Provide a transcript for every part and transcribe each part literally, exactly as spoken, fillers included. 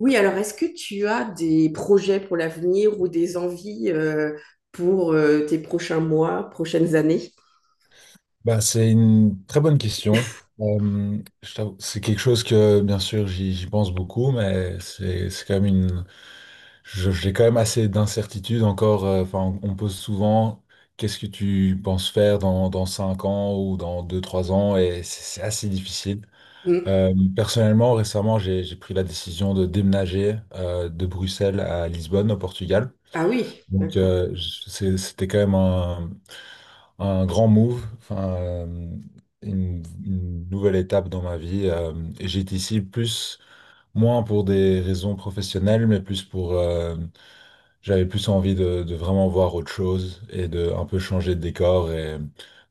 Oui, alors est-ce que tu as des projets pour l'avenir ou des envies euh, pour euh, tes prochains mois, prochaines années? Bah, c'est une très bonne question. Euh, je t'avoue, c'est quelque chose que, bien sûr, j'y j'y pense beaucoup, mais c'est c'est quand même une... je- J'ai quand même assez d'incertitudes encore. euh, Enfin, on on me pose souvent, qu'est-ce que tu penses faire dans, dans cinq ans ou dans deux trois ans, et c'est c'est assez difficile. Hmm. Euh, personnellement, récemment, j'ai j'ai pris la décision de déménager euh, de Bruxelles à Lisbonne, au Portugal. Ah oui, Donc, d'accord. euh, je- c'est- c'était quand même un grand move, enfin, euh, une, une nouvelle étape dans ma vie. Euh, et j'étais ici plus, moins pour des raisons professionnelles, mais plus pour, euh, j'avais plus envie de, de vraiment voir autre chose et de un peu changer de décor. Et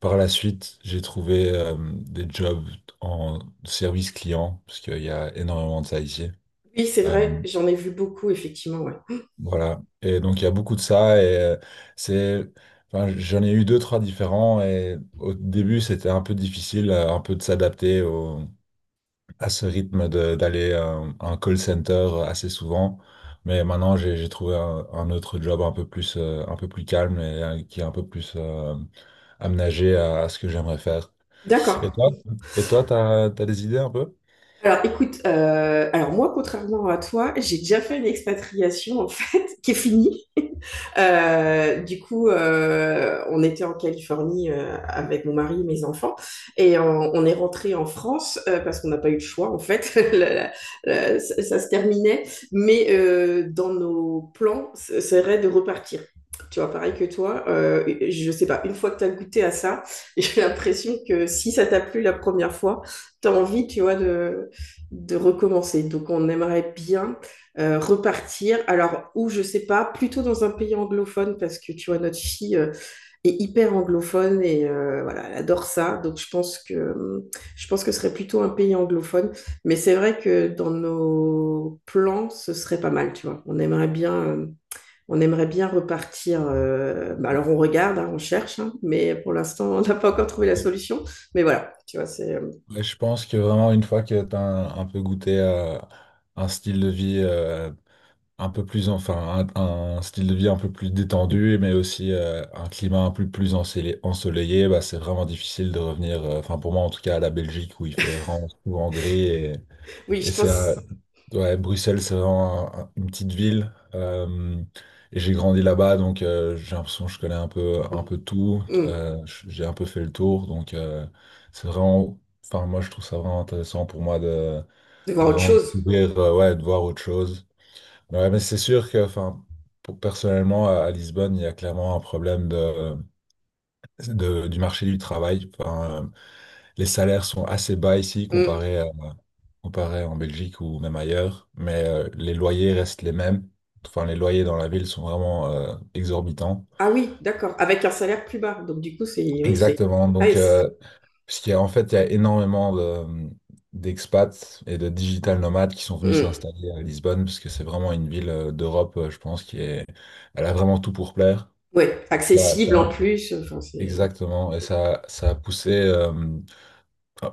par la suite, j'ai trouvé euh, des jobs en service client, parce qu'il y a énormément de ça ici. Oui, c'est Euh, vrai, j'en ai vu beaucoup, effectivement, ouais. Voilà. Et donc, il y a beaucoup de ça. Et euh, c'est, enfin, j'en ai eu deux, trois différents. Et au début, c'était un peu difficile, euh, un peu de s'adapter au-, à ce rythme de- d'aller à un un call center assez souvent. Mais maintenant, j'ai j'ai trouvé un, un autre job un peu plus, euh, un peu plus calme et euh, qui est un peu plus euh, aménagé à, à ce que j'aimerais faire. Et D'accord. toi, et toi, t'as, t'as des idées un peu? Alors écoute, heu, alors moi, contrairement à toi, j'ai déjà fait une expatriation en fait qui est finie. Heu, du coup, heu, on était en Californie, heu, avec mon mari et mes enfants et on on est rentré en France, heu, parce qu'on n'a pas eu le choix en fait. La la heu, ça ça se terminait, mais heu, dans nos plans, ce serait de repartir. Tu vois, pareil que toi, heu, je sais pas, une fois que tu as goûté à ça, j'ai l'impression que si ça t'a plu la première fois, t'as envie, tu vois, de de recommencer. Donc, on aimerait bien euh, repartir. Alors, où je sais pas, plutôt dans un pays anglophone parce que tu vois, notre fille euh, est hyper anglophone et euh, voilà, elle adore ça. Donc, je pense que euh, je pense que ce serait plutôt un pays anglophone. Mais c'est vrai que dans nos plans, ce serait pas mal. Tu vois, on aimerait bien. Euh, on aimerait bien repartir. Euh, bah alors on regarde, hein, on cherche, hein, mais pour l'instant on n'a pas encore trouvé la Mais- solution. Mais voilà, tu vois, c'est euh, mais je pense que vraiment, une fois que tu as un, un peu goûté à un style de vie euh, un peu plus, enfin, un, un style de vie un peu plus détendu, mais aussi euh, un climat un peu plus ensele- ensoleillé, bah, c'est vraiment difficile de revenir, euh, enfin, pour moi en tout cas, à la Belgique où il fait vraiment souvent gris. Et, oui, et je c'est, euh, pense. ouais, Bruxelles, c'est vraiment un- un- une petite ville. Euh, et j'ai grandi là-bas, donc euh, j'ai l'impression que je connais un peu, un peu tout. Hmm. Euh, j'ai un peu fait le tour, donc euh, c'est vraiment, enfin, moi je trouve ça vraiment intéressant pour moi de, De de voir autre vraiment chose. découvrir, euh, ouais, de voir autre chose. Ouais, mais c'est sûr que, enfin, pour- personnellement, à à Lisbonne, il y a clairement un problème de, de- du marché du travail. Enfin, euh, les salaires sont assez bas ici Hmm. comparé à-, comparé en Belgique ou même ailleurs, mais euh, les loyers restent les mêmes. Enfin, les loyers dans la ville sont vraiment euh, exorbitants. Ah oui, d'accord. Avec un salaire plus bas. Donc du coup, c'est oui, c'est Exactement. ah, et Donc, c'est- euh, parce qu'il y a, en fait, il y a énormément de- d'expats et de digital nomades qui sont venus hmm. s'installer à Lisbonne, parce que c'est vraiment une ville euh, d'Europe, euh, je pense, qui est, elle a vraiment tout pour plaire. Ouais, Ça- accessible en ça- plus. Enfin, c'est ouais. exactement. Et ça, ça a poussé euh,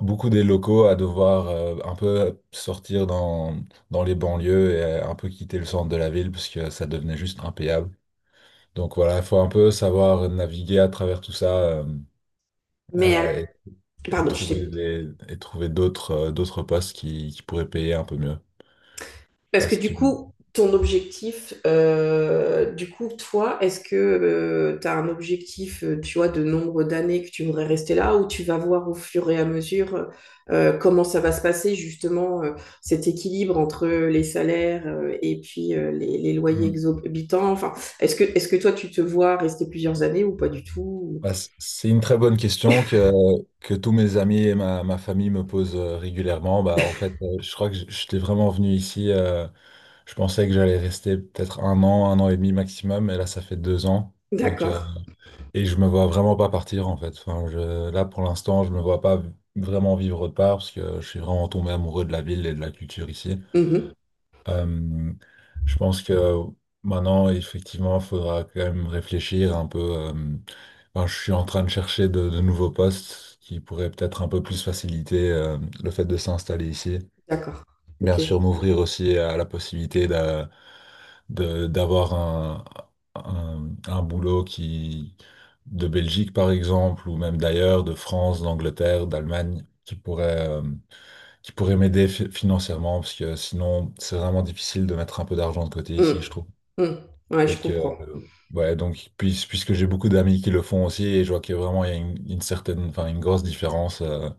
beaucoup des locaux à devoir euh, un peu sortir dans, dans les banlieues et euh, un peu quitter le centre de la ville parce que ça devenait juste impayable. Donc voilà, il faut un peu savoir naviguer à travers tout ça euh, Mais elle- euh, et, et pardon, je trouver t'ai des, et trouver d'autres euh, d'autres postes qui, qui pourraient payer un peu mieux. Parce que Parce du que... coup, ton objectif, euh, du coup, toi, est-ce que tu as un objectif, euh, tu vois, de nombre d'années que tu voudrais rester là ou tu vas voir au fur et à mesure euh, comment ça va se passer, justement, euh, cet équilibre entre les salaires euh, et puis euh, les, les loyers exorbitants? Enfin, est-ce que, est-ce que toi, tu te vois rester plusieurs années ou pas du tout? Bah, c- c'est une très bonne question que, que tous mes amis et ma, ma famille me posent euh, régulièrement. Bah, en fait, euh, je crois que j- j'étais vraiment venu ici. Euh, je pensais que j'allais rester peut-être un an, un an et demi maximum, et là, ça fait deux ans. Donc, euh, D'accord. et je me vois vraiment pas partir, en fait. Enfin, je, là, pour l'instant, je me vois pas v- vraiment vivre autre part parce que je suis vraiment tombé amoureux de la ville et de la culture ici. Mhm. Euh, je pense que maintenant, effectivement, il faudra quand même réfléchir un peu. Euh, enfin, je suis en train de chercher de, de nouveaux postes qui pourraient peut-être un peu plus faciliter euh, le fait de s'installer ici. D'accord. Bien Ok. sûr, m'ouvrir aussi à la possibilité d'a- de- d'avoir un, un, un boulot qui, de Belgique, par exemple, ou même d'ailleurs, de France, d'Angleterre, d'Allemagne, qui pourrait euh, qui pourrait m'aider fi- financièrement, parce que sinon, c'est vraiment difficile de mettre un peu d'argent de côté Mm. ici, je trouve. Mm. Ouais, je Et que, comprends. euh, ouais, donc, puis- puisque j'ai beaucoup d'amis qui le font aussi, et je vois qu'il y a vraiment il y a une, une certaine, enfin, une grosse différence. euh.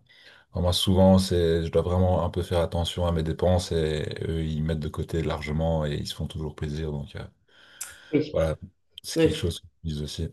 Enfin, moi, souvent, c'est, je dois vraiment un peu faire attention à mes dépenses, et eux, ils mettent de côté largement, et ils se font toujours plaisir. Donc, euh, voilà, c'est quelque Oui. chose qu'ils disent aussi.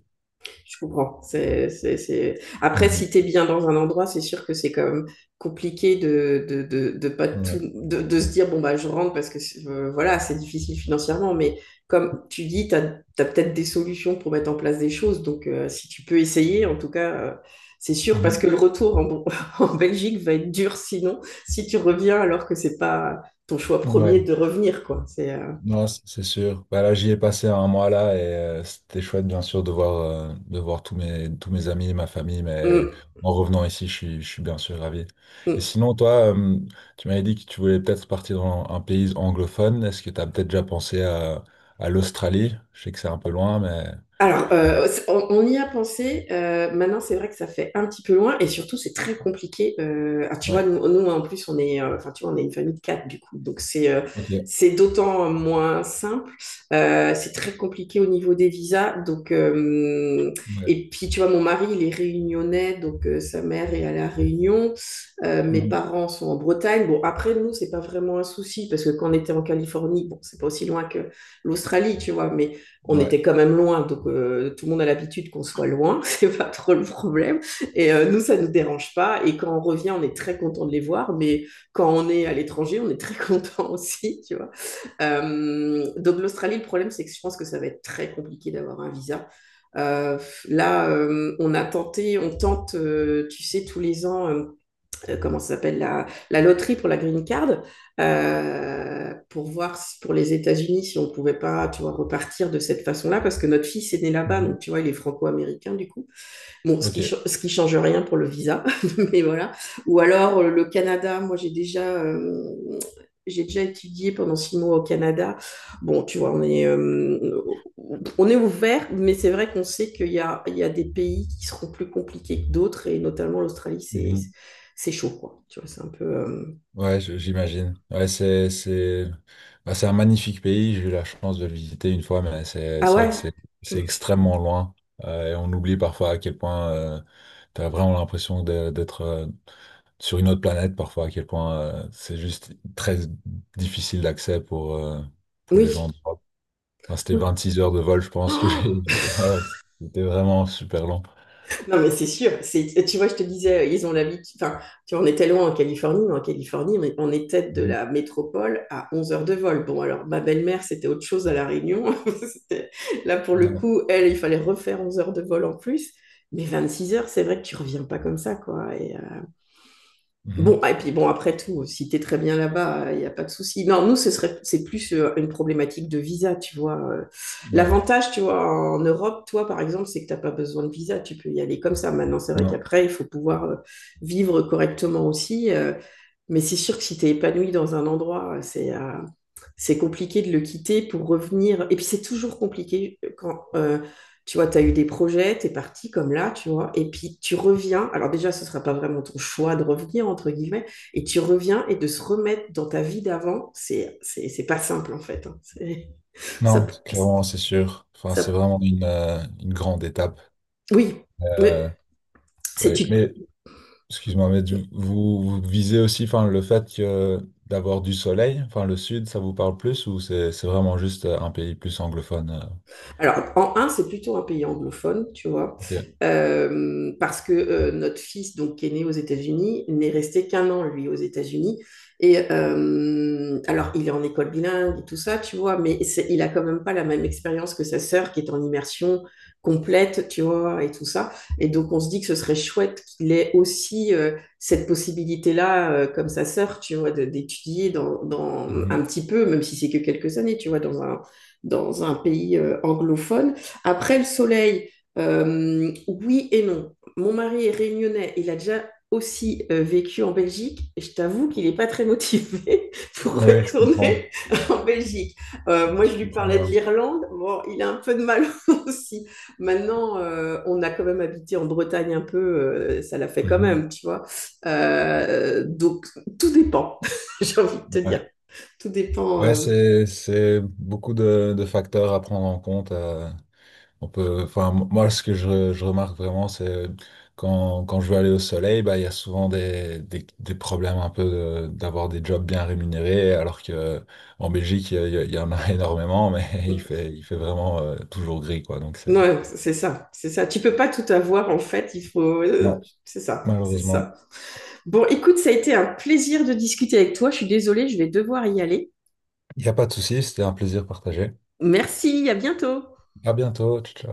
Je comprends. C'est, c'est, c'est... Après, Mhm. si tu es bien dans un endroit, c'est sûr que c'est quand même compliqué de, de, de, de pas tout, Ouais. de, de se dire, bon, bah, je rentre parce que c'est- euh, voilà, c'est difficile financièrement. Mais comme tu dis, tu as, peut-être des solutions pour mettre en place des choses. Donc, euh, si tu peux essayer, en tout cas, euh, c'est sûr, parce que Mhm. le retour en, en, Belgique va être dur sinon, si tu reviens alors que c'est pas ton choix Ouais. premier de revenir. Quoi. C'est, euh, Non, c- c'est sûr. Bah là, j'y ai passé un mois là et euh, c'était chouette, bien sûr, de voir, euh, de voir tous mes, tous mes amis, ma famille, mais Mm. en revenant ici, je suis, je suis bien sûr ravi. Et Mm. sinon, toi, euh, tu m'avais dit que tu voulais peut-être partir dans un pays anglophone. Est-ce que tu as peut-être déjà pensé à, à l'Australie? Je sais que c'est un peu loin, mais... Alors, euh, c- on, on y a pensé. Euh, maintenant, c'est vrai que ça fait un petit peu loin et surtout, c'est très compliqué. Euh, ah, tu vois, Ouais, nous, nous, en plus, on est, euh, enfin, tu vois, on est une famille de quatre du coup, donc c'est euh, ok. c'est d'autant moins simple. Euh, c'est très compliqué au niveau des visas. Donc, euh, Ouais. et puis, tu vois, mon mari, il est réunionnais, donc euh, sa mère est à la Réunion. Euh, mes Mhm. parents sont en Bretagne. Bon, après, nous, c'est pas vraiment un souci parce que quand on était en Californie, bon, c'est pas aussi loin que l'Australie, tu vois, mais on Ouais. était quand même loin, donc euh, tout le monde a l'habitude qu'on soit loin, c'est pas trop le problème. Et euh, nous, ça nous dérange pas. Et quand on revient, on est très content de les voir, mais quand on est à l'étranger, on est très content aussi, tu vois. Euh, donc l'Australie, le problème, c'est que je pense que ça va être très compliqué d'avoir un visa. Euh, là, euh, on a tenté, on tente, euh, tu sais, tous les ans, euh, euh, comment ça s'appelle la, la loterie pour la green card euh, pour voir si- pour les États-Unis si on pouvait pas tu vois repartir de cette façon-là parce que notre fils est né là-bas donc Mhm. tu vois il est franco-américain du coup. Bon, ce Ok. qui, ce qui change rien pour le visa, mais voilà. Ou alors euh, le Canada, moi j'ai déjà, euh, j'ai déjà étudié pendant six mois au Canada. Bon, tu vois, on est, euh, on est ouvert, mais c'est vrai qu'on sait qu'il y a, il y a des pays qui seront plus compliqués que d'autres, et notamment l'Australie, c'est, Mhm. c'est chaud, quoi. Tu vois, c'est un peu. Euh, Ouais, je- j'imagine. Ouais, c'est, c'est, bah, c'est un magnifique pays. J'ai eu la chance de le visiter une fois, mais c'est, ah c'est vrai que ouais? c'est, c'est extrêmement loin. Euh, et on oublie parfois à quel point euh, t'as vraiment l'impression de- d'être euh, sur une autre planète, parfois à quel point euh, c'est juste très difficile d'accès pour, euh, pour les Oui. gens d'Europe. Enfin, c'était Oui. vingt-six heures de vol, je pense que j'ai. Oh. Ouais, c'était vraiment super long. Non, mais c'est sûr. C'est, tu vois, je te disais, ils ont l'habitude. Enfin, tu vois, on était loin en Californie, mais en Californie, on- on était de Mhm. la métropole à onze heures de vol. Bon, alors, ma belle-mère, c'était autre chose à La Réunion. C'était- Là, pour le Ouais. coup, elle, il fallait refaire onze heures de vol en plus. Mais vingt-six heures, c'est vrai que tu reviens pas comme ça, quoi. Et, euh, bon, Mhm. ah, et puis bon, après tout, si t'es très bien là-bas, il n'y a pas de souci. Non, nous, ce serait, c'est plus euh, une problématique de visa, tu vois. Euh, Ouais. l'avantage, tu vois, en Europe, toi, par exemple, c'est que t'as pas besoin de visa, tu peux y aller comme ça. Maintenant, c'est vrai Non. qu'après, il faut pouvoir euh, vivre correctement aussi. Euh, mais c'est sûr que si tu es épanoui dans un endroit, c'est euh, c'est compliqué de le quitter pour revenir. Et puis c'est toujours compliqué euh, quand euh, tu vois, tu as eu des projets, tu es parti comme là, tu vois, et puis tu reviens. Alors déjà, ce ne sera pas vraiment ton choix de revenir, entre guillemets, et tu reviens et de se remettre dans ta vie d'avant, c'est c'est c'est pas simple en fait. Hein. C'est- Ça, Non, clairement, c'est sûr. Enfin, c'est ça, vraiment une, euh, une grande étape. oui, mais Euh, c'est ouais. tu Mais, excuse-moi, mais du- vous, vous visez aussi, enfin, le fait que d'avoir du soleil, enfin, le sud, ça vous parle plus ou c'est c'est vraiment juste euh, un pays plus anglophone? euh, alors, en un, c'est plutôt un pays anglophone, tu vois, Ok. euh, parce que euh, notre fils, donc, qui est né aux États-Unis, n'est resté qu'un an, lui, aux États-Unis. Et euh, alors, il est en école bilingue et tout ça, tu vois, mais c'est- il a quand même pas la même expérience que sa sœur qui est en immersion complète, tu vois, et tout ça. Et donc, on se dit que ce serait chouette qu'il ait aussi euh, cette possibilité-là, euh, comme sa sœur, tu vois, de- d'étudier dans, dans un petit peu, même si c'est que quelques années, tu vois, dans un dans un pays euh, anglophone. Après le soleil, euh, oui et non. Mon mari est réunionnais, il a déjà aussi euh, vécu en Belgique et je t'avoue qu'il n'est pas très motivé pour Oui, je comprends. retourner en Belgique. Euh, moi, Je je lui comprends parlais de bien. l'Irlande, bon, il a un peu de mal aussi. Maintenant, euh, on a quand même habité en Bretagne un peu, euh, ça l'a fait quand Mhm. même, tu vois. Euh, donc, tout dépend, j'ai envie de te Ouais, dire. Tout dépend ouais, euh, c'est c'est beaucoup de, de facteurs à prendre en compte. euh, On peut, enfin, moi, ce que je, je remarque vraiment, c'est quand, quand je veux aller au soleil, bah, il y a souvent des, des, des problèmes un peu de- d'avoir des jobs bien rémunérés, alors que en Belgique, il y a-, il y en a énormément, mais il fait, il fait vraiment euh, toujours gris, quoi. Donc, c'est, non, c'est ça, c'est ça. Tu peux pas tout avoir en fait. Il faut, euh, non, c'est ça, c'est malheureusement, ça. Bon, écoute, ça a été un plaisir de discuter avec toi. Je suis désolée, je vais devoir y aller. il n'y a pas de souci, c'était un plaisir partagé. Merci, à bientôt. À bientôt, ciao, ciao.